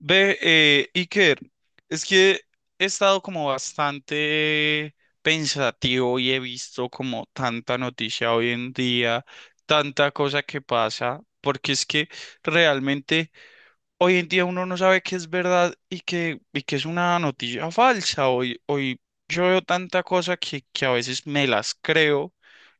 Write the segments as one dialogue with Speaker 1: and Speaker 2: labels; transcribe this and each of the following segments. Speaker 1: Ve, Iker, es que he estado como bastante pensativo y he visto como tanta noticia hoy en día, tanta cosa que pasa, porque es que realmente... Hoy en día uno no sabe qué es verdad y qué es una noticia falsa. Hoy yo veo tanta cosa que a veces me las creo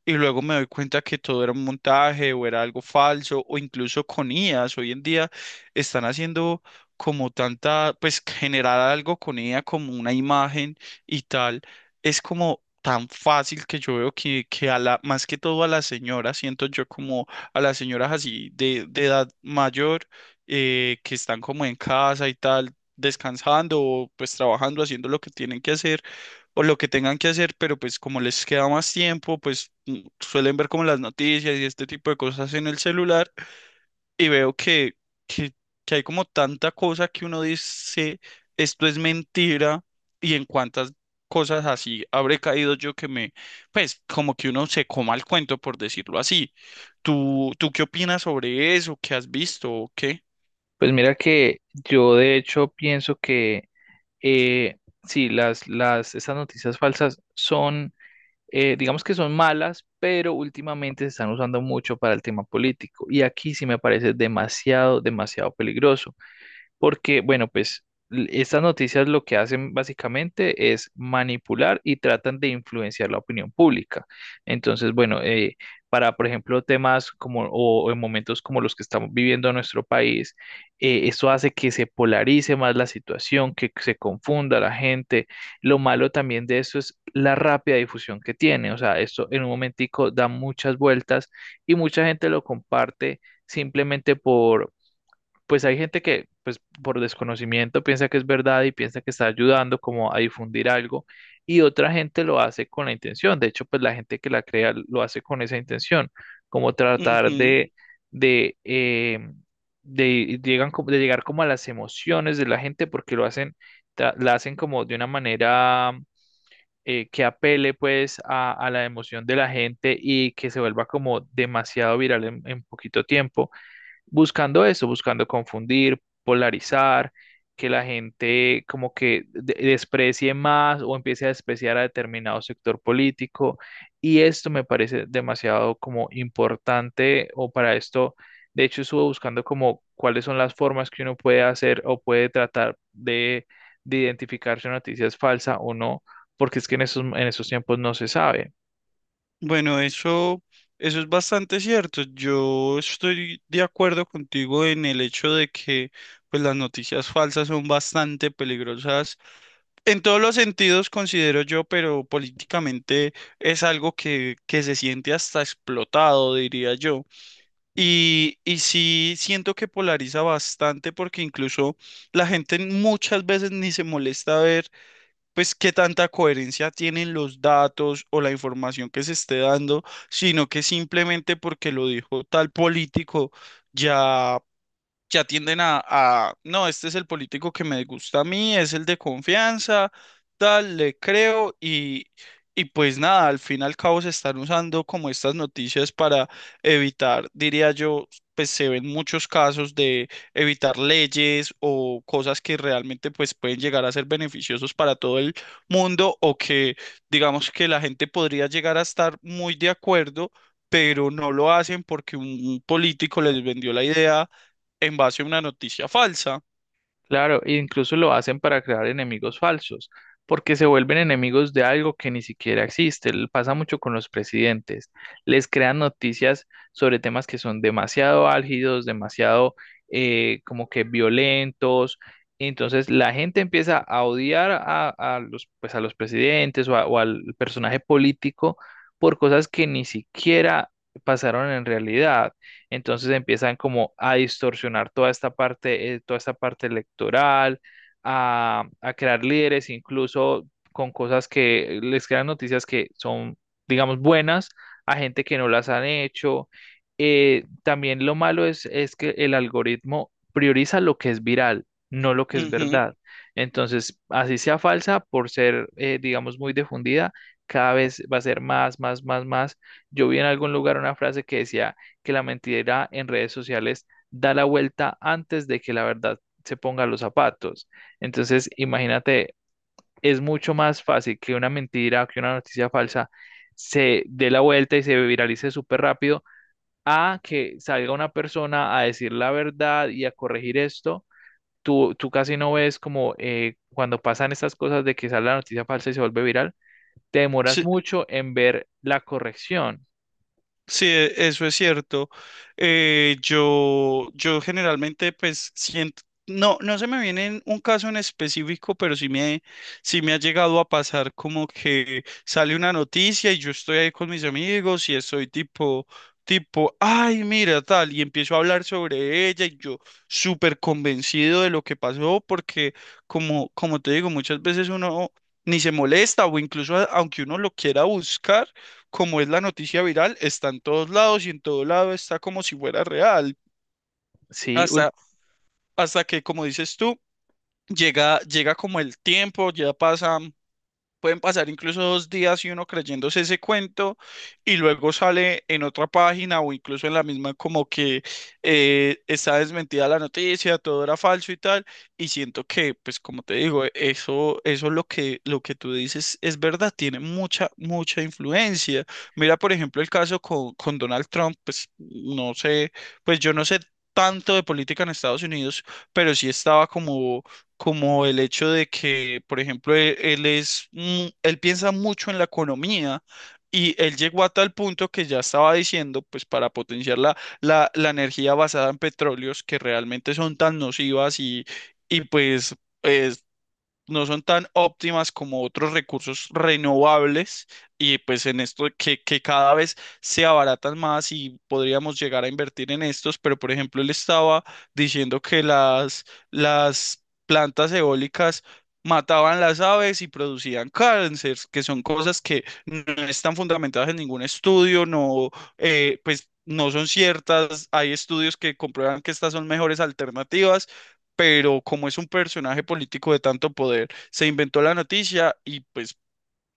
Speaker 1: y luego me doy cuenta que todo era un montaje o era algo falso o incluso con IAs. Hoy en día están haciendo como tanta, pues generar algo con IA como una imagen y tal. Es como tan fácil que yo veo que a la, más que todo a las señoras, siento yo como a las señoras así de edad mayor que están como en casa y tal, descansando o pues trabajando, haciendo lo que tienen que hacer o lo que tengan que hacer, pero pues como les queda más tiempo, pues suelen ver como las noticias y este tipo de cosas en el celular y veo que, que hay como tanta cosa que uno dice, esto es mentira y en cuántas cosas así habré caído yo pues como que uno se coma el cuento por decirlo así. ¿Tú qué opinas sobre eso? ¿Qué has visto o qué?
Speaker 2: Pues mira que yo de hecho pienso que eh, sí, esas noticias falsas son, digamos que son malas, pero últimamente se están usando mucho para el tema político. Y aquí sí me parece demasiado, demasiado peligroso porque, bueno, pues estas noticias lo que hacen básicamente es manipular y tratan de influenciar la opinión pública. Entonces, bueno, por ejemplo, temas como o en momentos como los que estamos viviendo en nuestro país, esto hace que se polarice más la situación, que se confunda la gente. Lo malo también de esto es la rápida difusión que tiene. O sea, esto en un momentico da muchas vueltas y mucha gente lo comparte simplemente por pues hay gente que, pues por desconocimiento piensa que es verdad y piensa que está ayudando como a difundir algo, y otra gente lo hace con la intención. De hecho, pues la gente que la crea lo hace con esa intención, como tratar
Speaker 1: Ujú.
Speaker 2: de, de, eh, de llegar como a las emociones de la gente porque lo hacen, la hacen como de una manera que apele pues a la emoción de la gente y que se vuelva como demasiado viral en poquito tiempo, buscando eso, buscando confundir, polarizar, que la gente como que desprecie más o empiece a despreciar a determinado sector político. Y esto me parece demasiado como importante. O para esto, de hecho, estuve buscando como cuáles son las formas que uno puede hacer o puede tratar de, identificar si una noticia es falsa o no, porque es que en esos, tiempos no se sabe.
Speaker 1: Bueno, eso, eso es bastante cierto. Yo estoy de acuerdo contigo en el hecho de que pues, las noticias falsas son bastante peligrosas. En todos los sentidos, considero yo, pero políticamente es algo que se siente hasta explotado, diría yo. Y sí siento que polariza bastante porque incluso la gente muchas veces ni se molesta a ver pues qué tanta coherencia tienen los datos o la información que se esté dando, sino que simplemente porque lo dijo tal político ya ya tienden no, este es el político que me gusta a mí, es el de confianza, tal, le creo y pues nada, al fin y al cabo se están usando como estas noticias para evitar, diría yo, pues se ven muchos casos de evitar leyes o cosas que realmente pues pueden llegar a ser beneficiosos para todo el mundo o que digamos que la gente podría llegar a estar muy de acuerdo, pero no lo hacen porque un político les vendió la idea en base a una noticia falsa.
Speaker 2: Claro, e incluso lo hacen para crear enemigos falsos, porque se vuelven enemigos de algo que ni siquiera existe. Pasa mucho con los presidentes. Les crean noticias sobre temas que son demasiado álgidos, demasiado, como que violentos. Entonces la gente empieza a odiar a los, pues, a los presidentes o, o al personaje político por cosas que ni siquiera pasaron en realidad. Entonces empiezan como a distorsionar toda esta parte, electoral, a crear líderes, incluso con cosas que les crean noticias que son, digamos, buenas, a gente que no las han hecho. También lo malo es que el algoritmo prioriza lo que es viral, no lo que es
Speaker 1: Ujú.
Speaker 2: verdad. Entonces, así sea falsa, por ser, digamos, muy difundida, cada vez va a ser más, más, más, más. Yo vi en algún lugar una frase que decía que la mentira en redes sociales da la vuelta antes de que la verdad se ponga los zapatos. Entonces, imagínate, es mucho más fácil que una mentira, que una noticia falsa se dé la vuelta y se viralice súper rápido a que salga una persona a decir la verdad y a corregir esto. Tú casi no ves como, cuando pasan estas cosas de que sale la noticia falsa y se vuelve viral, te demoras
Speaker 1: Sí,
Speaker 2: mucho en ver la corrección.
Speaker 1: sí, e- eso es cierto. Yo generalmente, pues, siento, no se me viene en un caso en específico, pero sí me ha llegado a pasar como que sale una noticia y yo estoy ahí con mis amigos y estoy ay, mira, tal, y empiezo a hablar sobre ella y yo súper convencido de lo que pasó, porque como te digo, muchas veces uno ni se molesta o incluso aunque uno lo quiera buscar como es la noticia viral, está en todos lados y en todo lado está como si fuera real.
Speaker 2: Sí,
Speaker 1: Hasta, hasta que, como dices tú, llega como el tiempo, ya pasan. Pueden pasar incluso dos días y uno creyéndose ese cuento y luego sale en otra página o incluso en la misma como que está desmentida la noticia, todo era falso y tal. Y siento que, pues como te digo, eso es lo lo que tú dices es verdad, tiene mucha influencia. Mira, por ejemplo, el caso con Donald Trump, pues no sé, pues yo no sé tanto de política en Estados Unidos, pero sí estaba como como el hecho de que, por ejemplo, él piensa mucho en la economía y él llegó a tal punto que ya estaba diciendo, pues para potenciar la energía basada en petróleos que realmente son tan nocivas y pues no son tan óptimas como otros recursos renovables y pues en esto que cada vez se abaratan más y podríamos llegar a invertir en estos, pero por ejemplo él estaba diciendo que las plantas eólicas mataban las aves y producían cáncer, que son cosas que no están fundamentadas en ningún estudio, no, pues... No son ciertas, hay estudios que comprueban que estas son mejores alternativas, pero como es un personaje político de tanto poder, se inventó la noticia y pues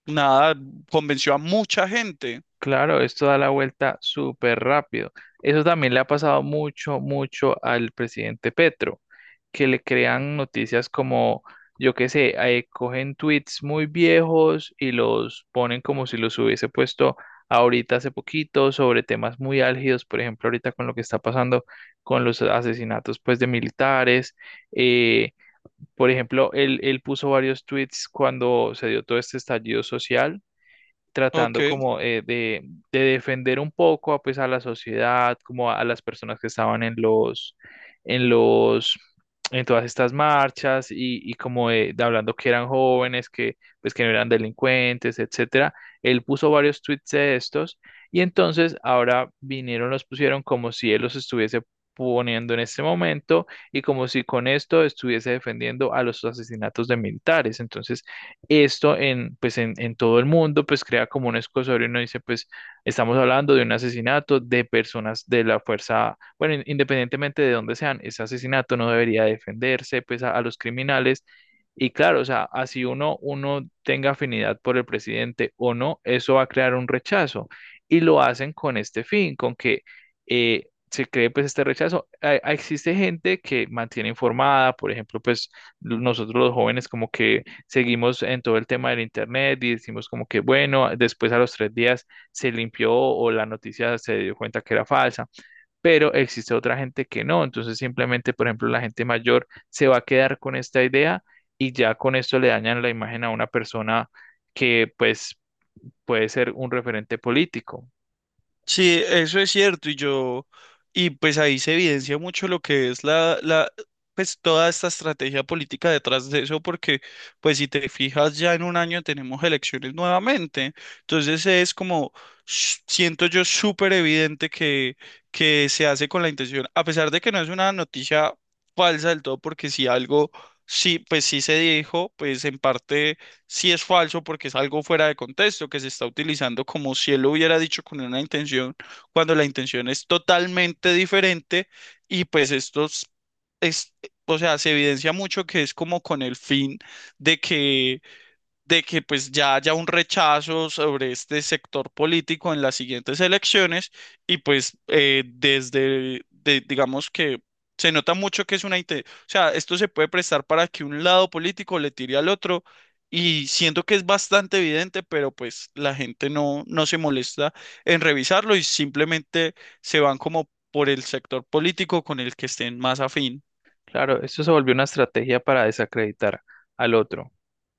Speaker 1: nada, convenció a mucha gente.
Speaker 2: claro, esto da la vuelta súper rápido. Eso también le ha pasado mucho, mucho al presidente Petro, que le crean noticias como, yo qué sé, cogen tweets muy viejos y los ponen como si los hubiese puesto ahorita hace poquito sobre temas muy álgidos, por ejemplo, ahorita con lo que está pasando con los asesinatos pues de militares. eh, por ejemplo, él puso varios tweets cuando se dio todo este estallido social,
Speaker 1: Ok.
Speaker 2: tratando como, de defender un poco pues a la sociedad, como a las personas que estaban en los, en todas estas marchas, y como de, hablando, que eran jóvenes, que pues que no eran delincuentes, etcétera. Él puso varios tweets de estos y entonces ahora vinieron, los pusieron como si él los estuviese poniendo en este momento y como si con esto estuviese defendiendo a los asesinatos de militares. Entonces, esto en, pues en todo el mundo, pues crea como un escosorio y uno dice, pues estamos hablando de un asesinato de personas de la fuerza, bueno, independientemente de dónde sean, ese asesinato no debería defenderse, pues a los criminales. Y claro, o sea, así uno tenga afinidad por el presidente o no, eso va a crear un rechazo. Y lo hacen con este fin, con que, se cree pues este rechazo. Existe gente que mantiene informada, por ejemplo, pues nosotros los jóvenes, como que seguimos en todo el tema del internet y decimos como que, bueno, después a los 3 días se limpió o la noticia se dio cuenta que era falsa, pero existe otra gente que no, entonces simplemente, por ejemplo, la gente mayor se va a quedar con esta idea y ya con esto le dañan la imagen a una persona que pues puede ser un referente político.
Speaker 1: Sí, eso es cierto, y pues ahí se evidencia mucho lo que es pues toda esta estrategia política detrás de eso, porque pues si te fijas ya en un año tenemos elecciones nuevamente, entonces es como, siento yo súper evidente que se hace con la intención, a pesar de que no es una noticia falsa del todo, porque si algo, sí, pues sí se dijo, pues en parte sí es falso porque es algo fuera de contexto que se está utilizando como si él lo hubiera dicho con una intención, cuando la intención es totalmente diferente y pues esto es- o sea, se evidencia mucho que es como con el fin de que de que pues ya haya un rechazo sobre este sector político en las siguientes elecciones y pues digamos que se nota mucho que es una... O sea, esto se puede prestar para que un lado político le tire al otro y siento que es bastante evidente, pero pues la gente no se molesta en revisarlo y simplemente se van como por el sector político con el que estén más afín.
Speaker 2: Claro, esto se volvió una estrategia para desacreditar al otro.